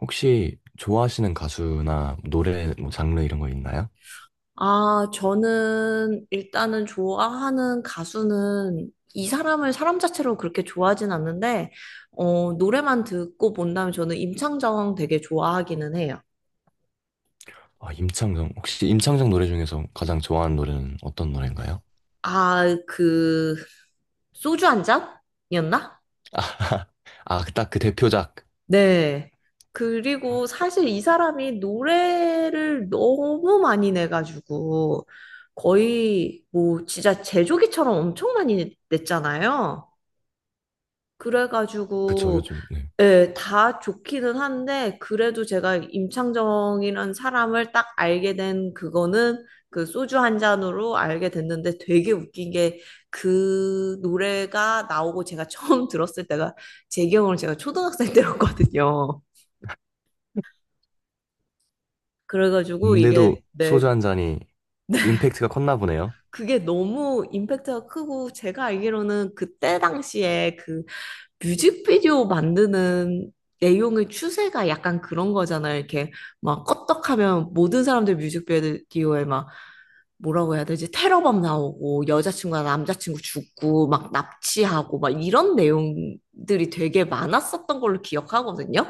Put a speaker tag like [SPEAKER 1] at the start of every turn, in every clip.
[SPEAKER 1] 혹시 좋아하시는 가수나 노래 뭐 장르 이런 거 있나요?
[SPEAKER 2] 아, 저는 일단은 좋아하는 가수는 이 사람을 사람 자체로 그렇게 좋아하진 않는데, 노래만 듣고 본다면 저는 임창정 되게 좋아하기는 해요.
[SPEAKER 1] 아, 임창정. 혹시 임창정 노래 중에서 가장 좋아하는 노래는 어떤 노래인가요?
[SPEAKER 2] 아, 그, 소주 한 잔이었나?
[SPEAKER 1] 아, 아, 딱 그 대표작.
[SPEAKER 2] 네. 그리고 사실 이 사람이 노래를 너무 많이 내가지고 거의 뭐 진짜 제조기처럼 엄청 많이 냈잖아요.
[SPEAKER 1] 그쵸,
[SPEAKER 2] 그래가지고
[SPEAKER 1] 요즘. 네.
[SPEAKER 2] 예, 다 좋기는 한데 그래도 제가 임창정이라는 사람을 딱 알게 된 그거는 그 소주 한 잔으로 알게 됐는데 되게 웃긴 게 그 노래가 나오고 제가 처음 들었을 때가 제 기억으로 제가 초등학생 때였거든요. 그래가지고 이게
[SPEAKER 1] 근데도 소주
[SPEAKER 2] 내
[SPEAKER 1] 한 잔이 임팩트가 컸나 보네요.
[SPEAKER 2] 그게 너무 임팩트가 크고 제가 알기로는 그때 당시에 그 뮤직비디오 만드는 내용의 추세가 약간 그런 거잖아요. 이렇게 막 껐떡하면 모든 사람들 뮤직비디오에 막 뭐라고 해야 되지? 테러범 나오고 여자친구나 남자친구 죽고 막 납치하고 막 이런 내용들이 되게 많았었던 걸로 기억하거든요.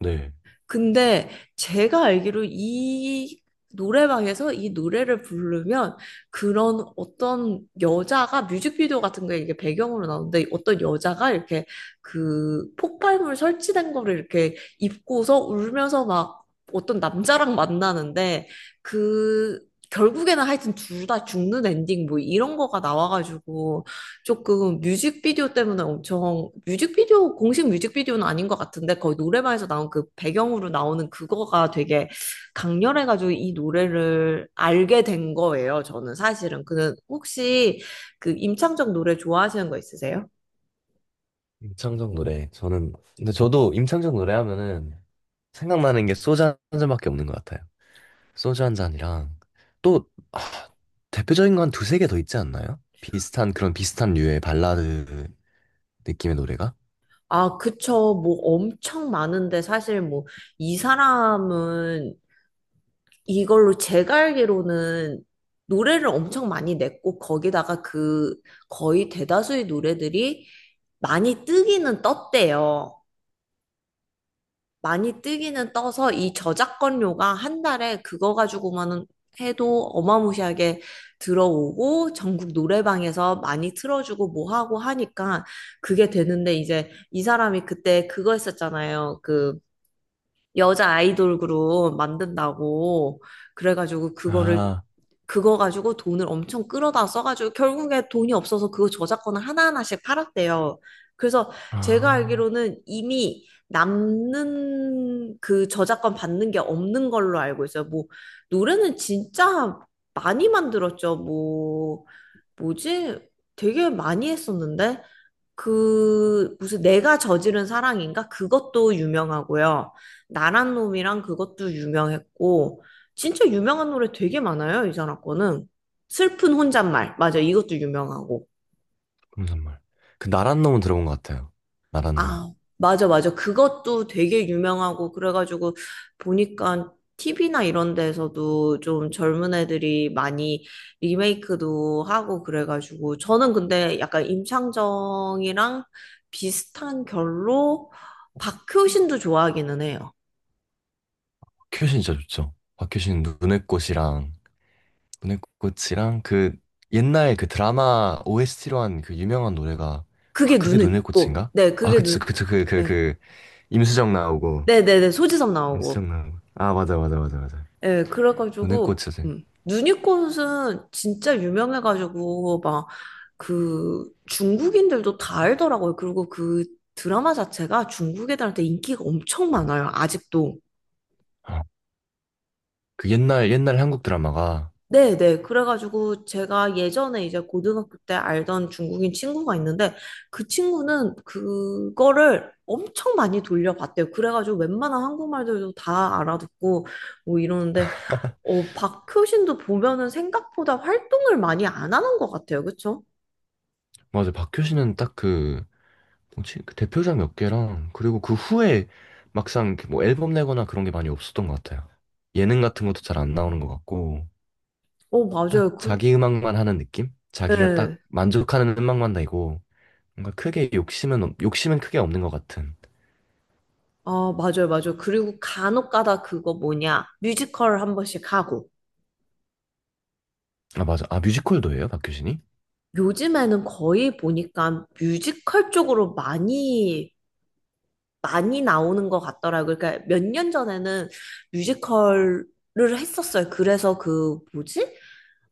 [SPEAKER 1] 네.
[SPEAKER 2] 근데 제가 알기로 이 노래방에서 이 노래를 부르면 그런 어떤 여자가 뮤직비디오 같은 거에 이게 배경으로 나오는데 어떤 여자가 이렇게 그 폭발물 설치된 거를 이렇게 입고서 울면서 막 어떤 남자랑 만나는데 그 결국에는 하여튼 둘 다 죽는 엔딩 뭐 이런 거가 나와가지고 조금 뮤직비디오 때문에 엄청 뮤직비디오 공식 뮤직비디오는 아닌 것 같은데 거의 노래방에서 나온 그 배경으로 나오는 그거가 되게 강렬해가지고 이 노래를 알게 된 거예요. 저는 사실은 그 혹시 그 임창정 노래 좋아하시는 거 있으세요?
[SPEAKER 1] 임창정 노래. 저는 근데 저도 임창정 노래 하면은 생각나는 게 소주 한 잔밖에 없는 것 같아요. 소주 한 잔이랑 또 아, 대표적인 건 두세 개 더 있지 않나요? 비슷한 그런 비슷한 류의 발라드 느낌의 노래가?
[SPEAKER 2] 아, 그쵸. 뭐 엄청 많은데 사실 뭐 이 사람은 이걸로 제가 알기로는 노래를 엄청 많이 냈고 거기다가 그 거의 대다수의 노래들이 많이 뜨기는 떴대요. 많이 뜨기는 떠서 이 저작권료가 한 달에 그거 가지고만 해도 어마무시하게 들어오고 전국 노래방에서 많이 틀어주고 뭐 하고 하니까 그게 되는데 이제 이 사람이 그때 그거 했었잖아요. 그 여자 아이돌 그룹 만든다고 그래가지고 그거를
[SPEAKER 1] 아,
[SPEAKER 2] 그거 가지고 돈을 엄청 끌어다 써가지고 결국에 돈이 없어서 그 저작권을 하나하나씩 팔았대요. 그래서 제가
[SPEAKER 1] 아,
[SPEAKER 2] 알기로는 이미 남는 그 저작권 받는 게 없는 걸로 알고 있어요. 뭐 노래는 진짜 많이 만들었죠. 뭐 뭐지? 되게 많이 했었는데 그 무슨 내가 저지른 사랑인가? 그것도 유명하고요. 나란 놈이랑 그것도 유명했고 진짜 유명한 노래 되게 많아요, 이 사람 거는. 슬픈 혼잣말. 맞아, 이것도 유명하고.
[SPEAKER 1] 검정말. 그 나란 놈은 들어본 것 같아요. 나란 놈.
[SPEAKER 2] 아, 맞아, 맞아. 그것도 되게 유명하고, 그래가지고, 보니까 TV나 이런 데서도 좀 젊은 애들이 많이 리메이크도 하고, 그래가지고, 저는 근데 약간 임창정이랑 비슷한 결로 박효신도 좋아하기는 해요.
[SPEAKER 1] 박효신 진짜 좋죠. 박효신 눈의 꽃이랑 눈의 꽃이랑 그 옛날 그 드라마 OST로 한 그 유명한 노래가 아,
[SPEAKER 2] 그게
[SPEAKER 1] 그게
[SPEAKER 2] 눈에
[SPEAKER 1] 눈의
[SPEAKER 2] 있고,
[SPEAKER 1] 꽃인가?
[SPEAKER 2] 네,
[SPEAKER 1] 아,
[SPEAKER 2] 그게
[SPEAKER 1] 그치,
[SPEAKER 2] 눈,
[SPEAKER 1] 그치, 그, 그,
[SPEAKER 2] 네,
[SPEAKER 1] 그 임수정 나오고
[SPEAKER 2] 네네네, 소지섭 나오고.
[SPEAKER 1] 임수정 나오고, 아, 맞아 맞아 맞아 맞아.
[SPEAKER 2] 예,
[SPEAKER 1] 눈의 꽃
[SPEAKER 2] 그래가지고,
[SPEAKER 1] 사진
[SPEAKER 2] 누니꽃은 진짜 유명해가지고, 막, 그, 중국인들도 다 알더라고요. 그리고 그 드라마 자체가 중국 애들한테 인기가 엄청 많아요, 아직도.
[SPEAKER 1] 아, 그 옛날 옛날 한국 드라마가
[SPEAKER 2] 네, 네. 그래가지고 제가 예전에 이제 고등학교 때 알던 중국인 친구가 있는데 그 친구는 그거를 엄청 많이 돌려봤대요. 그래가지고 웬만한 한국말들도 다 알아듣고 뭐 이러는데 박효신도 보면은 생각보다 활동을 많이 안 하는 것 같아요. 그쵸?
[SPEAKER 1] 맞아. 박효신은 딱 그 뭐지 그 대표작 몇 개랑 그리고 그 후에 막상 이렇게 뭐 앨범 내거나 그런 게 많이 없었던 것 같아요. 예능 같은 것도 잘 안 나오는 것 같고
[SPEAKER 2] 어,
[SPEAKER 1] 딱
[SPEAKER 2] 맞아요. 그,
[SPEAKER 1] 자기 음악만 하는 느낌, 자기가 딱
[SPEAKER 2] 네.
[SPEAKER 1] 만족하는 음악만 내고 뭔가 크게 욕심은 크게 없는 것 같은.
[SPEAKER 2] 아, 맞아요, 맞아요. 그리고 간혹가다 그거 뭐냐 뮤지컬 한 번씩 하고
[SPEAKER 1] 아, 맞아. 아, 뮤지컬도 해요, 박효신이.
[SPEAKER 2] 요즘에는 거의 보니까 뮤지컬 쪽으로 많이 많이 나오는 것 같더라고요. 그러니까 몇 년 전에는 뮤지컬을 했었어요. 그래서 그 뭐지?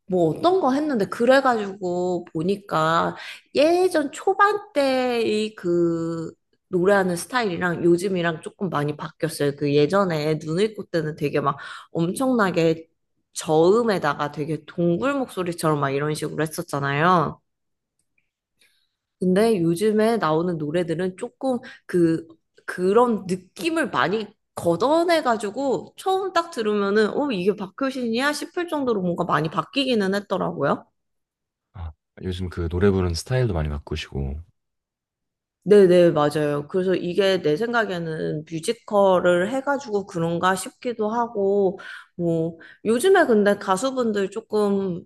[SPEAKER 2] 뭐 어떤 거 했는데 그래가지고 보니까 예전 초반 때의 그 노래하는 스타일이랑 요즘이랑 조금 많이 바뀌었어요. 그 예전에 눈을 꽂 때는 되게 막 엄청나게 저음에다가 되게 동굴 목소리처럼 막 이런 식으로 했었잖아요. 근데 요즘에 나오는 노래들은 조금 그, 그런 느낌을 많이 걷어내가지고 처음 딱 들으면은, 어, 이게 박효신이야? 싶을 정도로 뭔가 많이 바뀌기는 했더라고요.
[SPEAKER 1] 아, 요즘 그 노래 부르는 스타일도 많이 바꾸시고.
[SPEAKER 2] 네네, 맞아요. 그래서 이게 내 생각에는 뮤지컬을 해가지고 그런가 싶기도 하고, 뭐, 요즘에 근데 가수분들 조금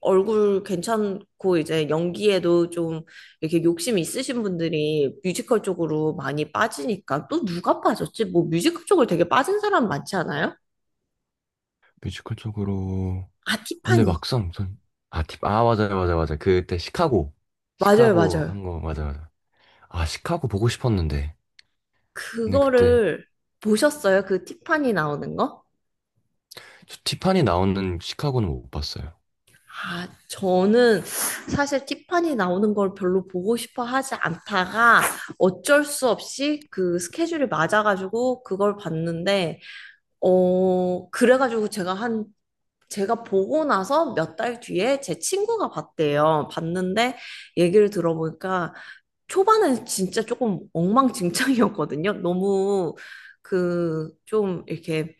[SPEAKER 2] 얼굴 괜찮고 이제 연기에도 좀 이렇게 욕심 있으신 분들이 뮤지컬 쪽으로 많이 빠지니까 또 누가 빠졌지? 뭐 뮤지컬 쪽을 되게 빠진 사람 많지 않아요?
[SPEAKER 1] 뮤지컬 쪽으로.
[SPEAKER 2] 아,
[SPEAKER 1] 아, 근데
[SPEAKER 2] 티파니.
[SPEAKER 1] 막상 전, 아, 팁, 아, 맞아요, 맞아요, 맞아요. 그때 시카고.
[SPEAKER 2] 맞아요,
[SPEAKER 1] 시카고
[SPEAKER 2] 맞아요.
[SPEAKER 1] 한 거, 맞아요, 맞아요. 아, 시카고 보고 싶었는데. 근데 그때,
[SPEAKER 2] 그거를 보셨어요? 그 티파니 나오는 거?
[SPEAKER 1] 저 티파니 나오는 시카고는 못 봤어요.
[SPEAKER 2] 아, 저는 사실 티파니 나오는 걸 별로 보고 싶어 하지 않다가 어쩔 수 없이 그 스케줄이 맞아가지고 그걸 봤는데, 그래가지고 제가 보고 나서 몇 달 뒤에 제 친구가 봤대요. 봤는데 얘기를 들어보니까 초반엔 진짜 조금 엉망진창이었거든요. 너무 그 좀 이렇게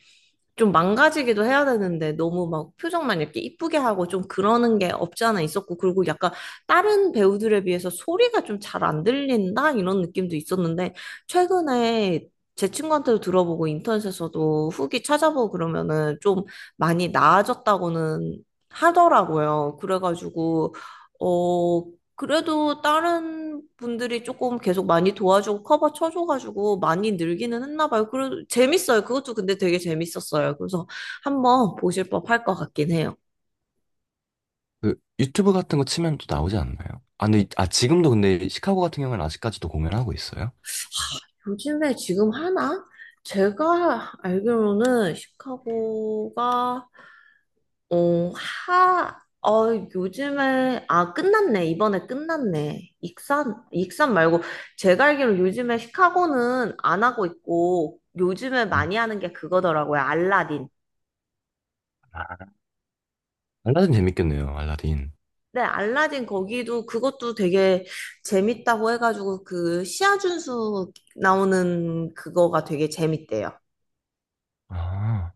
[SPEAKER 2] 좀 망가지기도 해야 되는데 너무 막 표정만 이렇게 이쁘게 하고 좀 그러는 게 없지 않아 있었고 그리고 약간 다른 배우들에 비해서 소리가 좀 잘 안 들린다 이런 느낌도 있었는데 최근에 제 친구한테도 들어보고 인터넷에서도 후기 찾아보고 그러면은 좀 많이 나아졌다고는 하더라고요. 그래가지고 어 그래도 다른 분들이 조금 계속 많이 도와주고 커버 쳐줘가지고 많이 늘기는 했나 봐요. 그래도 재밌어요. 그것도 근데 되게 재밌었어요. 그래서 한번 보실 법할 것 같긴 해요.
[SPEAKER 1] 그, 유튜브 같은 거 치면 또 나오지 않나요? 아, 근데, 아, 지금도 근데 시카고 같은 경우는 아직까지도 공연하고 있어요?
[SPEAKER 2] 요즘에 지금 하나? 제가 알기로는 시카고가 어, 하, 요즘에 아 끝났네. 이번에 끝났네. 익산 말고 제가 알기로 요즘에 시카고는 안 하고 있고 요즘에
[SPEAKER 1] 음.
[SPEAKER 2] 많이 하는 게 그거더라고요. 알라딘.
[SPEAKER 1] 아, 알라딘 재밌겠네요, 알라딘.
[SPEAKER 2] 네, 알라딘 거기도 그것도 되게 재밌다고 해가지고 그 시아준수 나오는 그거가 되게 재밌대요.
[SPEAKER 1] 아,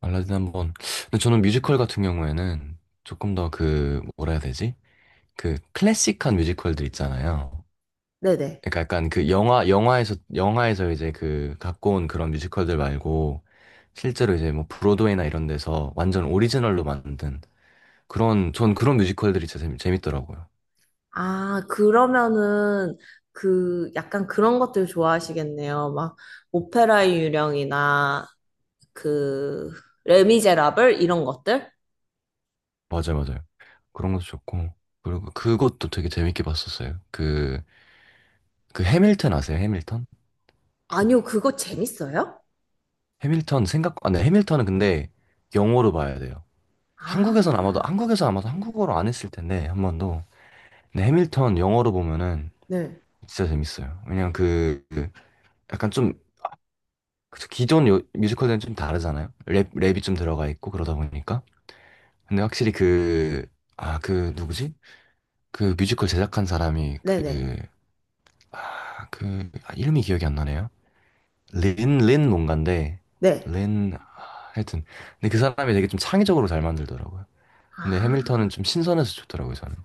[SPEAKER 1] 알라딘 한번. 근데 저는 뮤지컬 같은 경우에는 조금 더 그, 뭐라 해야 되지? 그 클래식한 뮤지컬들 있잖아요.
[SPEAKER 2] 네네.
[SPEAKER 1] 그러니까 약간 그 영화에서 영화에서 이제 그 갖고 온 그런 뮤지컬들 말고 실제로 이제 뭐 브로드웨이나 이런 데서 완전 오리지널로 만든 그런 전 그런 뮤지컬들이 진짜 재밌더라고요.
[SPEAKER 2] 아, 그러면은 그 약간 그런 것들 좋아하시겠네요. 막 오페라의 유령이나 그 레미제라블 이런 것들?
[SPEAKER 1] 맞아요, 맞아요. 그런 것도 좋고 그리고 그것도 되게 재밌게 봤었어요. 그 해밀턴 아세요? 해밀턴?
[SPEAKER 2] 아니요, 그거 재밌어요?
[SPEAKER 1] 해밀턴 생각, 아, 네, 해밀턴은 근데 영어로 봐야 돼요. 한국에서는 아마도,
[SPEAKER 2] 아,
[SPEAKER 1] 한국에서 아마도 한국어로 안 했을 텐데 한 번도. 근데 해밀턴 영어로 보면은
[SPEAKER 2] 네.
[SPEAKER 1] 진짜 재밌어요. 왜냐면 그 약간 좀 그쵸, 뮤지컬들은 좀 다르잖아요. 랩이 좀 들어가 있고 그러다 보니까. 근데 확실히 그, 아, 그 누구지? 그 뮤지컬 제작한 사람이
[SPEAKER 2] 네네.
[SPEAKER 1] 그, 아, 그, 아, 이름이 기억이 안 나네요. 린, 린 뭔가인데,
[SPEAKER 2] 네.
[SPEAKER 1] 린, 아, 하여튼. 근데 그 사람이 되게 좀 창의적으로 잘 만들더라고요. 근데
[SPEAKER 2] 아.
[SPEAKER 1] 해밀턴은 좀 신선해서 좋더라고요, 저는.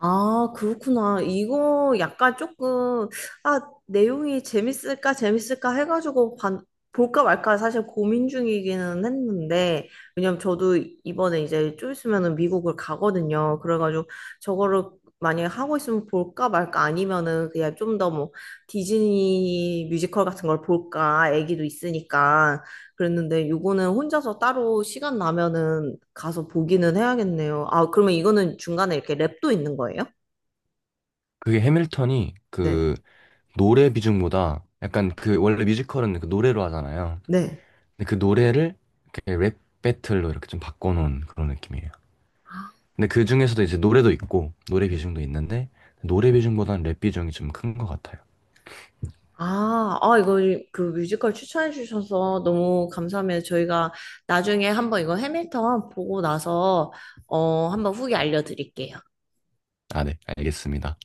[SPEAKER 2] 아, 그렇구나. 이거 약간 조금, 아, 내용이 재밌을까, 재밌을까 해가지고 볼까 말까 사실 고민 중이기는 했는데, 왜냐면 저도 이번에 이제 좀 있으면은 미국을 가거든요. 그래가지고 저거를 만약에 하고 있으면 볼까 말까 아니면은 그냥 좀 더 뭐 디즈니 뮤지컬 같은 걸 볼까, 애기도 있으니까. 그랬는데 요거는 혼자서 따로 시간 나면은 가서 보기는 해야겠네요. 아, 그러면 이거는 중간에 이렇게 랩도 있는 거예요?
[SPEAKER 1] 그게 해밀턴이
[SPEAKER 2] 네.
[SPEAKER 1] 그 노래 비중보다 약간 그 원래 뮤지컬은 그 노래로 하잖아요.
[SPEAKER 2] 네.
[SPEAKER 1] 근데 그 노래를 이렇게 랩 배틀로 이렇게 좀 바꿔놓은 그런 느낌이에요.
[SPEAKER 2] 아,
[SPEAKER 1] 근데 그 중에서도 이제 노래도 있고 노래
[SPEAKER 2] 네.
[SPEAKER 1] 비중도 있는데 노래 비중보다는 랩 비중이 좀 큰 것 같아요.
[SPEAKER 2] 아, 아, 이거 그 뮤지컬 추천해 주셔서 너무 감사하면 저희가 나중에 한번 이거 해밀턴 보고 나서 한번 후기 알려드릴게요.
[SPEAKER 1] 아, 네, 알겠습니다.